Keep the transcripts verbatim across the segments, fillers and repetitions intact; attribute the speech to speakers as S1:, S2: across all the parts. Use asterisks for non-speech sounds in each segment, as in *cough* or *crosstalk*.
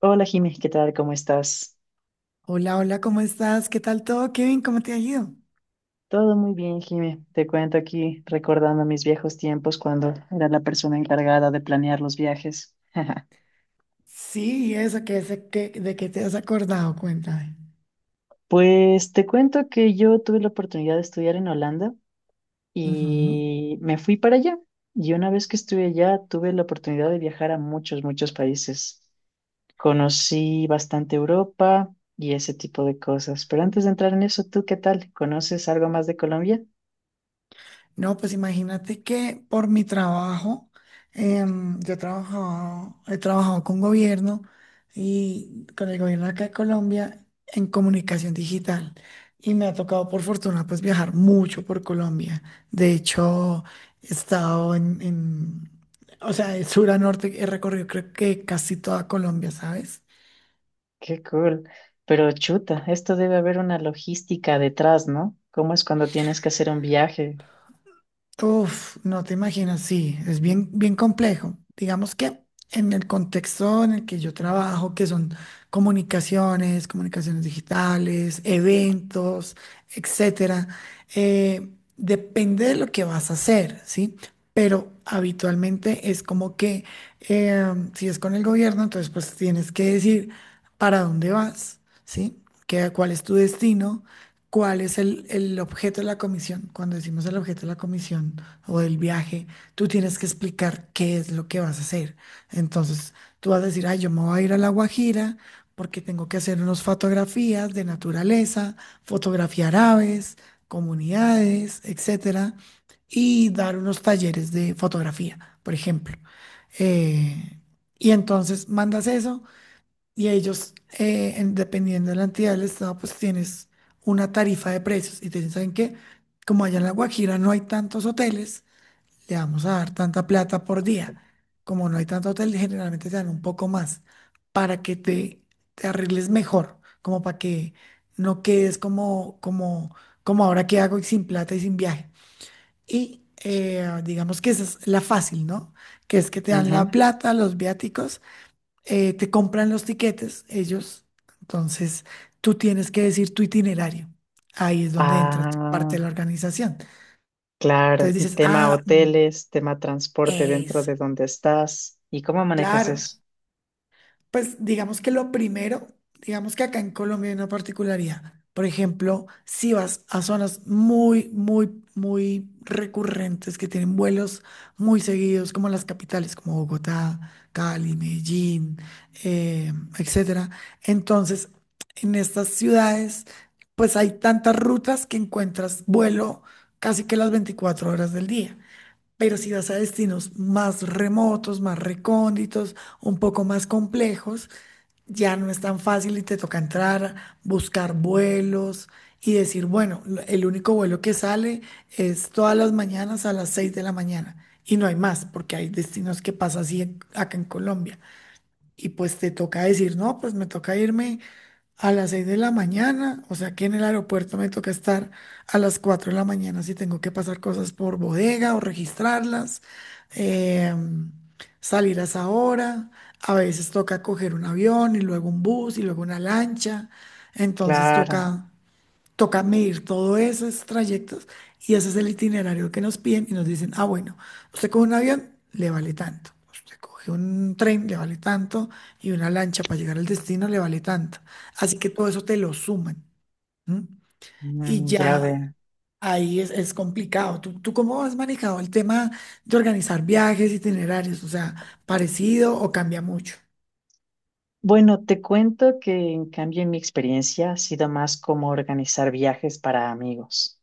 S1: Hola Jimmy, ¿qué tal? ¿Cómo estás?
S2: Hola, hola, ¿cómo estás? ¿Qué tal todo, Kevin? ¿Cómo te ha ido?
S1: Todo muy bien, Jimmy. Te cuento aquí recordando mis viejos tiempos cuando era la persona encargada de planear los viajes. *laughs*
S2: Sí, ¿y eso, ¿qué, es- qué- de qué te has acordado? Cuéntame.
S1: Pues te cuento que yo tuve la oportunidad de estudiar en Holanda
S2: Ujú.
S1: y me fui para allá. Y una vez que estuve allá, tuve la oportunidad de viajar a muchos, muchos países. Conocí bastante Europa y ese tipo de cosas. Pero antes de entrar en eso, ¿tú qué tal? ¿Conoces algo más de Colombia?
S2: No, pues imagínate que por mi trabajo, em, yo he trabajado, he trabajado con gobierno y con el gobierno acá de Colombia en comunicación digital. Y me ha tocado, por fortuna, pues viajar mucho por Colombia. De hecho, he estado en, en- o sea, de sur a norte, he recorrido creo que casi toda Colombia, ¿sabes?
S1: Qué cool. Pero chuta, esto debe haber una logística detrás, ¿no? ¿Cómo es cuando tienes que hacer un viaje?
S2: Uf, no te imaginas, sí, es bien, bien complejo. Digamos que en el contexto en el que yo trabajo, que son comunicaciones, comunicaciones digitales, eventos, etcétera, eh, depende de lo que vas a hacer, ¿sí? Pero habitualmente es como que eh, si es con el gobierno, entonces pues tienes que decir para dónde vas, ¿sí? ¿Qué, ¿cuál es tu destino? ¿Cuál es el, el objeto de la comisión? Cuando decimos el objeto de la comisión o del viaje, tú tienes que explicar qué es lo que vas a hacer. Entonces, tú vas a decir, ay, yo me voy a ir a La Guajira porque tengo que hacer unas fotografías de naturaleza, fotografiar aves, comunidades, etcétera, y dar unos talleres de fotografía, por ejemplo. Eh, y entonces mandas eso y ellos, eh, en- dependiendo de la entidad del Estado, pues tienes una tarifa de precios. Y te dicen, ¿saben qué? Como allá en La Guajira no hay tantos hoteles, le vamos a dar tanta plata por día. Como no hay tanto hotel, generalmente te dan un poco más para que te, te arregles mejor, como para que no quedes como, como, como ahora que hago y sin plata y sin viaje. Y eh, digamos que esa es la fácil, ¿no? Que es que te dan la
S1: Ujú.
S2: plata, los viáticos, eh, te compran los tiquetes ellos, entonces tú tienes que decir tu itinerario. Ahí es donde entra tu parte
S1: Ah,
S2: de la organización.
S1: claro.
S2: Entonces dices,
S1: Tema
S2: ah, mm,
S1: hoteles, tema transporte dentro
S2: es,
S1: de donde estás. ¿Y cómo manejas
S2: claro.
S1: eso?
S2: Pues digamos que lo primero, digamos que acá en Colombia hay una particularidad. Por ejemplo, si vas a zonas muy, muy, muy recurrentes que tienen vuelos muy seguidos, como las capitales, como Bogotá, Cali, Medellín, eh, etcétera. Entonces, en estas ciudades, pues hay tantas rutas que encuentras vuelo casi que las veinticuatro horas del día. Pero si vas a destinos más remotos, más recónditos, un poco más complejos, ya no es tan fácil y te toca entrar, buscar vuelos y decir, bueno, lo- el único vuelo que sale es todas las mañanas a las seis de la mañana y no hay más, porque hay destinos que pasa así en- acá en Colombia. Y pues te toca decir, no, pues me toca irme a las seis de la mañana, o sea que en el aeropuerto me toca estar a las cuatro de la mañana si tengo que pasar cosas por bodega o registrarlas, em, salir a esa hora. A veces toca coger un avión y luego un bus y luego una lancha, entonces
S1: Claro.
S2: toca Toca medir todos esos trayectos, y ese es el itinerario que nos piden y nos dicen, ah, bueno, usted coge un avión, le vale tanto, usted coge un tren, le vale tanto, y una lancha para llegar al destino, le vale tanto. Así que todo eso te lo suman. ¿M? Y
S1: Mm, ya
S2: ya
S1: veo.
S2: ahí es, es complicado. ¿Tú, tú cómo has manejado el tema de organizar viajes, itinerarios? O sea, ¿parecido o cambia mucho?
S1: Bueno, te cuento que en cambio en mi experiencia ha sido más como organizar viajes para amigos.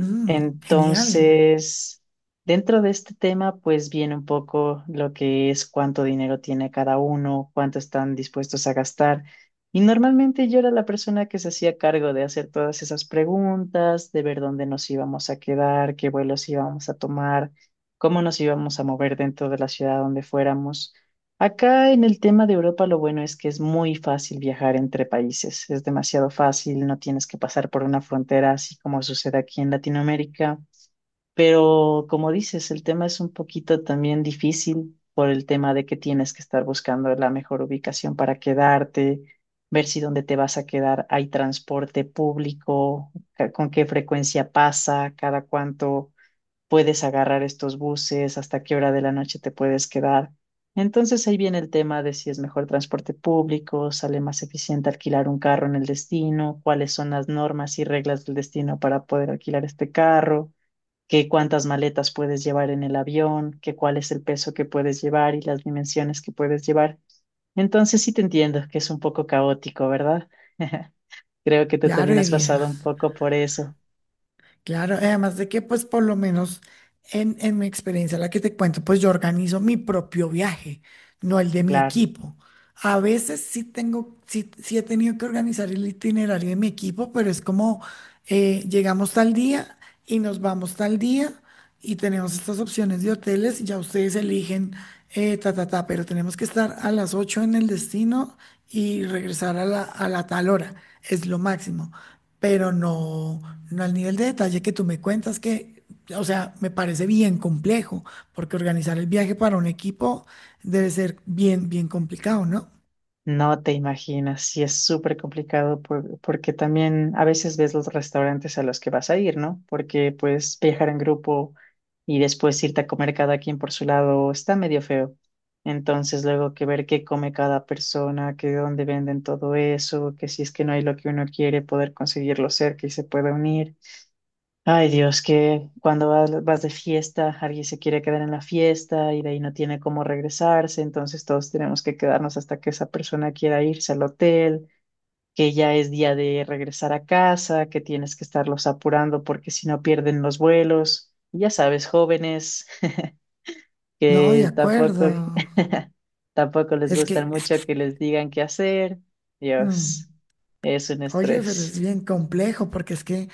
S2: Mm, genial.
S1: Entonces, dentro de este tema, pues viene un poco lo que es cuánto dinero tiene cada uno, cuánto están dispuestos a gastar. Y normalmente yo era la persona que se hacía cargo de hacer todas esas preguntas, de ver dónde nos íbamos a quedar, qué vuelos íbamos a tomar, cómo nos íbamos a mover dentro de la ciudad donde fuéramos. Acá en el tema de Europa, lo bueno es que es muy fácil viajar entre países, es demasiado fácil, no tienes que pasar por una frontera así como sucede aquí en Latinoamérica, pero como dices, el tema es un poquito también difícil por el tema de que tienes que estar buscando la mejor ubicación para quedarte, ver si dónde te vas a quedar hay transporte público, ca- con qué frecuencia pasa, cada cuánto puedes agarrar estos buses, hasta qué hora de la noche te puedes quedar. Entonces ahí viene el tema de si es mejor transporte público, sale más eficiente alquilar un carro en el destino, cuáles son las normas y reglas del destino para poder alquilar este carro, qué cuántas maletas puedes llevar en el avión, qué cuál es el peso que puedes llevar y las dimensiones que puedes llevar. Entonces sí te entiendo que es un poco caótico, ¿verdad? *laughs* Creo que tú
S2: Claro,
S1: también has
S2: Eguía.
S1: pasado un poco por eso,
S2: Claro, eh, además de que pues por lo menos en, en mi experiencia, la que te cuento, pues yo organizo mi propio viaje, no el de mi
S1: claro.
S2: equipo. A veces sí tengo, sí, sí he tenido que organizar el itinerario de mi equipo, pero es como, eh, llegamos tal día y nos vamos tal día y tenemos estas opciones de hoteles y ya ustedes eligen, eh, ta, ta, ta, pero tenemos que estar a las ocho en el destino y regresar a la, a la tal hora, es lo máximo, pero no, no al nivel de detalle que tú me cuentas. Que... O sea, me parece bien complejo, porque organizar el viaje para un equipo debe ser bien, bien complicado, ¿no?
S1: No te imaginas, sí es súper complicado por- porque también a veces ves los restaurantes a los que vas a ir, ¿no? Porque pues viajar en grupo y después irte a comer cada quien por su lado está medio feo. Entonces luego que ver qué come cada persona, que dónde venden todo eso, que si es que no hay lo que uno quiere, poder conseguirlo cerca y se pueda unir. Ay Dios, que cuando vas, vas de fiesta, alguien se quiere quedar en la fiesta y de ahí no tiene cómo regresarse, entonces todos tenemos que quedarnos hasta que esa persona quiera irse al hotel, que ya es día de regresar a casa, que tienes que estarlos apurando porque si no pierden los vuelos. Ya sabes, jóvenes *laughs*
S2: No, de
S1: que tampoco,
S2: acuerdo.
S1: *laughs* tampoco les
S2: Es
S1: gusta
S2: que, es que-
S1: mucho que les digan qué hacer.
S2: mm.
S1: Dios, es un
S2: Oye, pero es
S1: estrés.
S2: bien complejo porque es que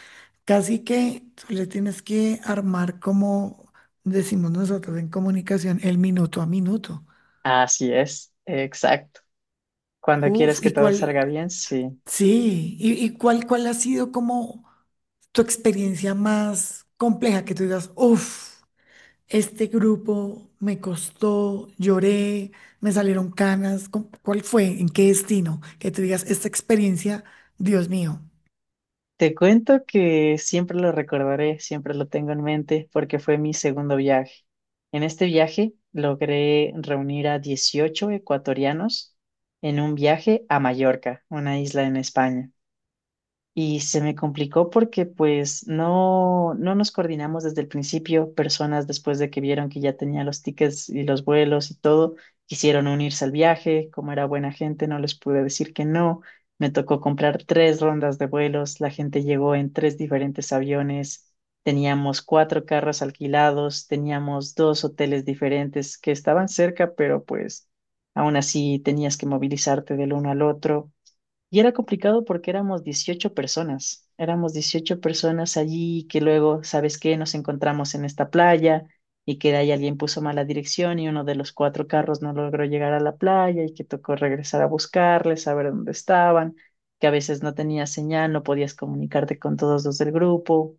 S2: casi que tú le tienes que armar, como decimos nosotros en comunicación, el minuto a minuto.
S1: Así es, cuando quieres
S2: Uf,
S1: que
S2: ¿y
S1: todo
S2: cuál?
S1: salga bien, sí.
S2: Sí, ¿y, y cuál, cuál ha sido como tu experiencia más compleja que tú digas, uf, este grupo me costó, lloré, me salieron canas? ¿cu- ¿Cuál fue? ¿En qué destino? Que tú digas, esta experiencia, Dios mío.
S1: Te cuento que siempre lo recordaré, siempre lo tengo en mente, porque fue mi segundo viaje. En este viaje logré reunir a dieciocho ecuatorianos en un viaje a Mallorca, una isla en España. Y se me complicó porque pues no, no nos coordinamos desde el principio. Personas después de que vieron que ya tenía los tickets y los vuelos y todo, quisieron unirse al viaje. Como era buena gente, no les pude decir que no. Me tocó comprar tres rondas de vuelos. La gente llegó en tres diferentes aviones. Teníamos cuatro carros alquilados. Teníamos dos hoteles diferentes que estaban cerca, pero pues aún así tenías que movilizarte del uno al otro. Y era complicado porque éramos dieciocho personas, éramos dieciocho personas allí que luego, ¿sabes qué? Nos encontramos en esta playa y que de ahí alguien puso mala dirección y uno de los cuatro carros no logró llegar a la playa y que tocó regresar a buscarles, saber dónde estaban, que a veces no tenía señal, no podías comunicarte con todos los del grupo,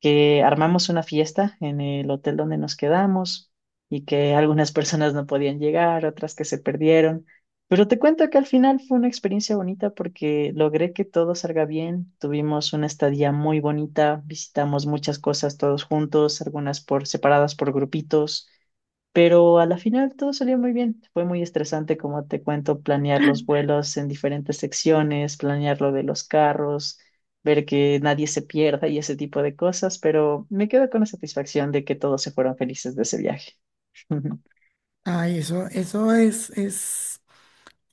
S1: que armamos una fiesta en el hotel donde nos quedamos y que algunas personas no podían llegar, otras que se perdieron. Pero te cuento que al final fue una experiencia bonita porque logré que todo salga bien. Tuvimos una estadía muy bonita, visitamos muchas cosas todos juntos, algunas por separadas por grupitos. Pero a la final todo salió muy bien. Fue muy estresante, como te cuento, planear los vuelos en diferentes secciones, planear lo de los carros, ver que nadie se pierda y ese tipo de cosas, pero me quedo con la satisfacción de que todos se fueron felices de ese viaje. *laughs*
S2: Ay, eso, eso es, es.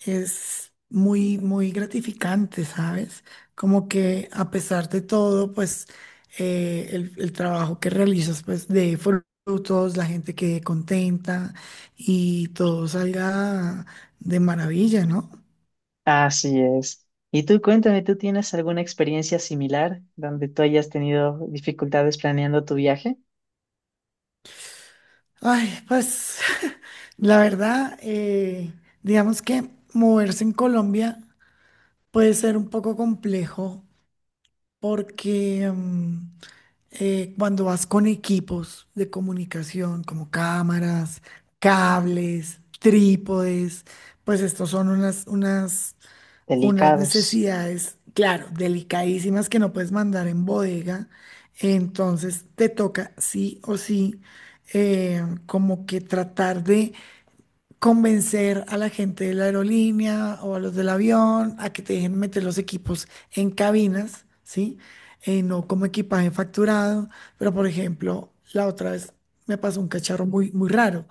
S2: es muy, muy gratificante, ¿sabes? Como que a pesar de todo, pues eh, el, el trabajo que realizas, pues de frutos, la gente quede contenta y todo salga de maravilla, ¿no?
S1: Así es. Y tú cuéntame, ¿tú tienes alguna experiencia similar donde tú hayas tenido dificultades planeando tu viaje?
S2: Ay, pues *laughs* la verdad, eh, digamos que moverse en Colombia puede ser un poco complejo porque, mm, eh, cuando vas con equipos de comunicación como cámaras, cables, trípodes, pues estos son unas, unas, unas
S1: Delicados.
S2: necesidades, claro, delicadísimas, que no puedes mandar en bodega. Entonces te toca sí o sí, eh, como que tratar de convencer a la gente de la aerolínea o a los del avión a que te dejen meter los equipos en cabinas, ¿sí? Eh, no como equipaje facturado, pero por ejemplo, la otra vez me pasó un cacharro muy, muy raro.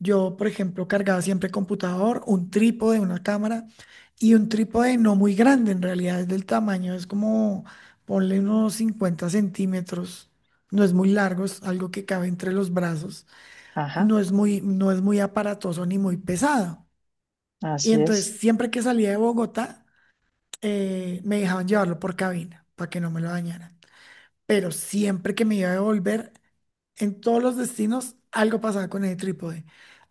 S2: Yo, por ejemplo, cargaba siempre computador, un trípode, una cámara, y un trípode no muy grande, en realidad es del tamaño, es como, ponle unos cincuenta centímetros, no es muy largo, es algo que cabe entre los brazos,
S1: Ajá,
S2: no es muy, no es muy aparatoso ni muy pesado. Y
S1: así es.
S2: entonces, siempre que salía de Bogotá, eh, me dejaban llevarlo por cabina para que no me lo dañaran. Pero siempre que me iba a devolver, en todos los destinos, algo pasaba con el trípode.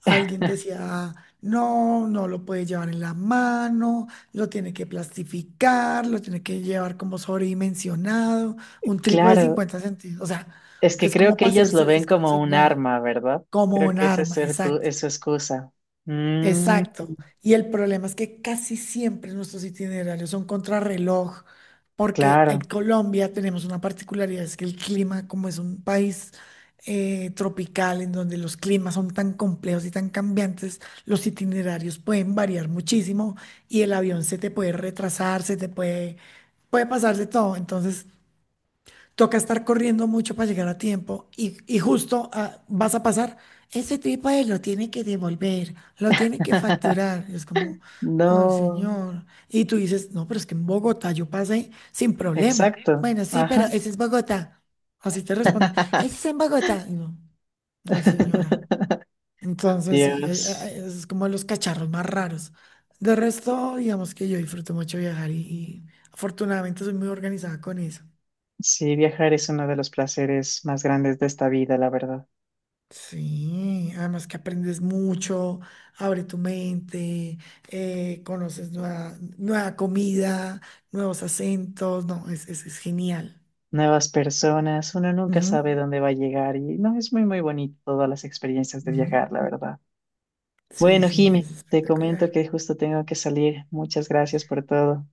S2: Alguien decía, no, no lo puede llevar en la mano, lo tiene que plastificar, lo tiene que llevar como sobredimensionado, un trípode de
S1: Claro,
S2: cincuenta centímetros. O sea,
S1: es que
S2: es
S1: creo
S2: como
S1: que
S2: para hacer
S1: ellos lo ven
S2: selfies con el
S1: como un
S2: celular,
S1: arma, ¿verdad?
S2: como
S1: Creo
S2: un
S1: que esa es
S2: arma,
S1: el cu-
S2: exacto.
S1: es su excusa. Mm,
S2: Exacto. Y el problema es que casi siempre nuestros itinerarios son contrarreloj, porque en
S1: claro.
S2: Colombia tenemos una particularidad, es que el clima, como es un país eh, tropical, en donde los climas son tan complejos y tan cambiantes, los itinerarios pueden variar muchísimo y el avión se te puede retrasar, se te puede, puede pasar de todo. Entonces, toca estar corriendo mucho para llegar a tiempo y, y justo, ah, vas a pasar, ese trípode lo tiene que devolver, lo tiene que
S1: *laughs*
S2: facturar. Es como, ay,
S1: No,
S2: señor. Y tú dices, no, pero es que en Bogotá yo pasé sin problema.
S1: exacto.
S2: Bueno, sí, pero
S1: Ajá.
S2: ese es Bogotá. Así te responden, ese es en Bogotá. Y no, ay, señora.
S1: *laughs*
S2: Entonces, sí, eh,
S1: Dios.
S2: eh, es como los cacharros más raros. De resto, digamos que yo disfruto mucho viajar y y afortunadamente soy muy organizada con eso.
S1: Sí, viajar es uno de los placeres más grandes de esta vida, la verdad.
S2: Sí, además que aprendes mucho, abre tu mente, eh, conoces nueva, nueva comida, nuevos acentos, no, es, es, es genial.
S1: Nuevas personas, uno nunca
S2: Ujú,
S1: sabe dónde va a llegar y no es muy, muy bonito todas las experiencias de
S2: ujú.
S1: viajar, la verdad.
S2: Sí,
S1: Bueno,
S2: sí,
S1: Jimmy,
S2: es
S1: te comento
S2: espectacular.
S1: que justo tengo que salir. Muchas gracias por todo.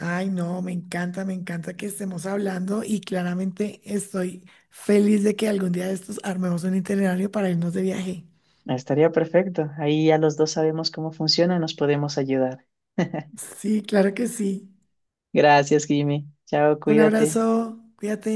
S2: Ay, no, me encanta, me encanta que estemos hablando y claramente estoy feliz de que algún día de estos armemos un itinerario para irnos de viaje.
S1: Estaría perfecto. Ahí ya los dos sabemos cómo funciona, nos podemos ayudar. *laughs*
S2: Sí, claro que sí.
S1: Gracias, Jimmy. Chao,
S2: Un
S1: cuídate.
S2: abrazo, cuídate.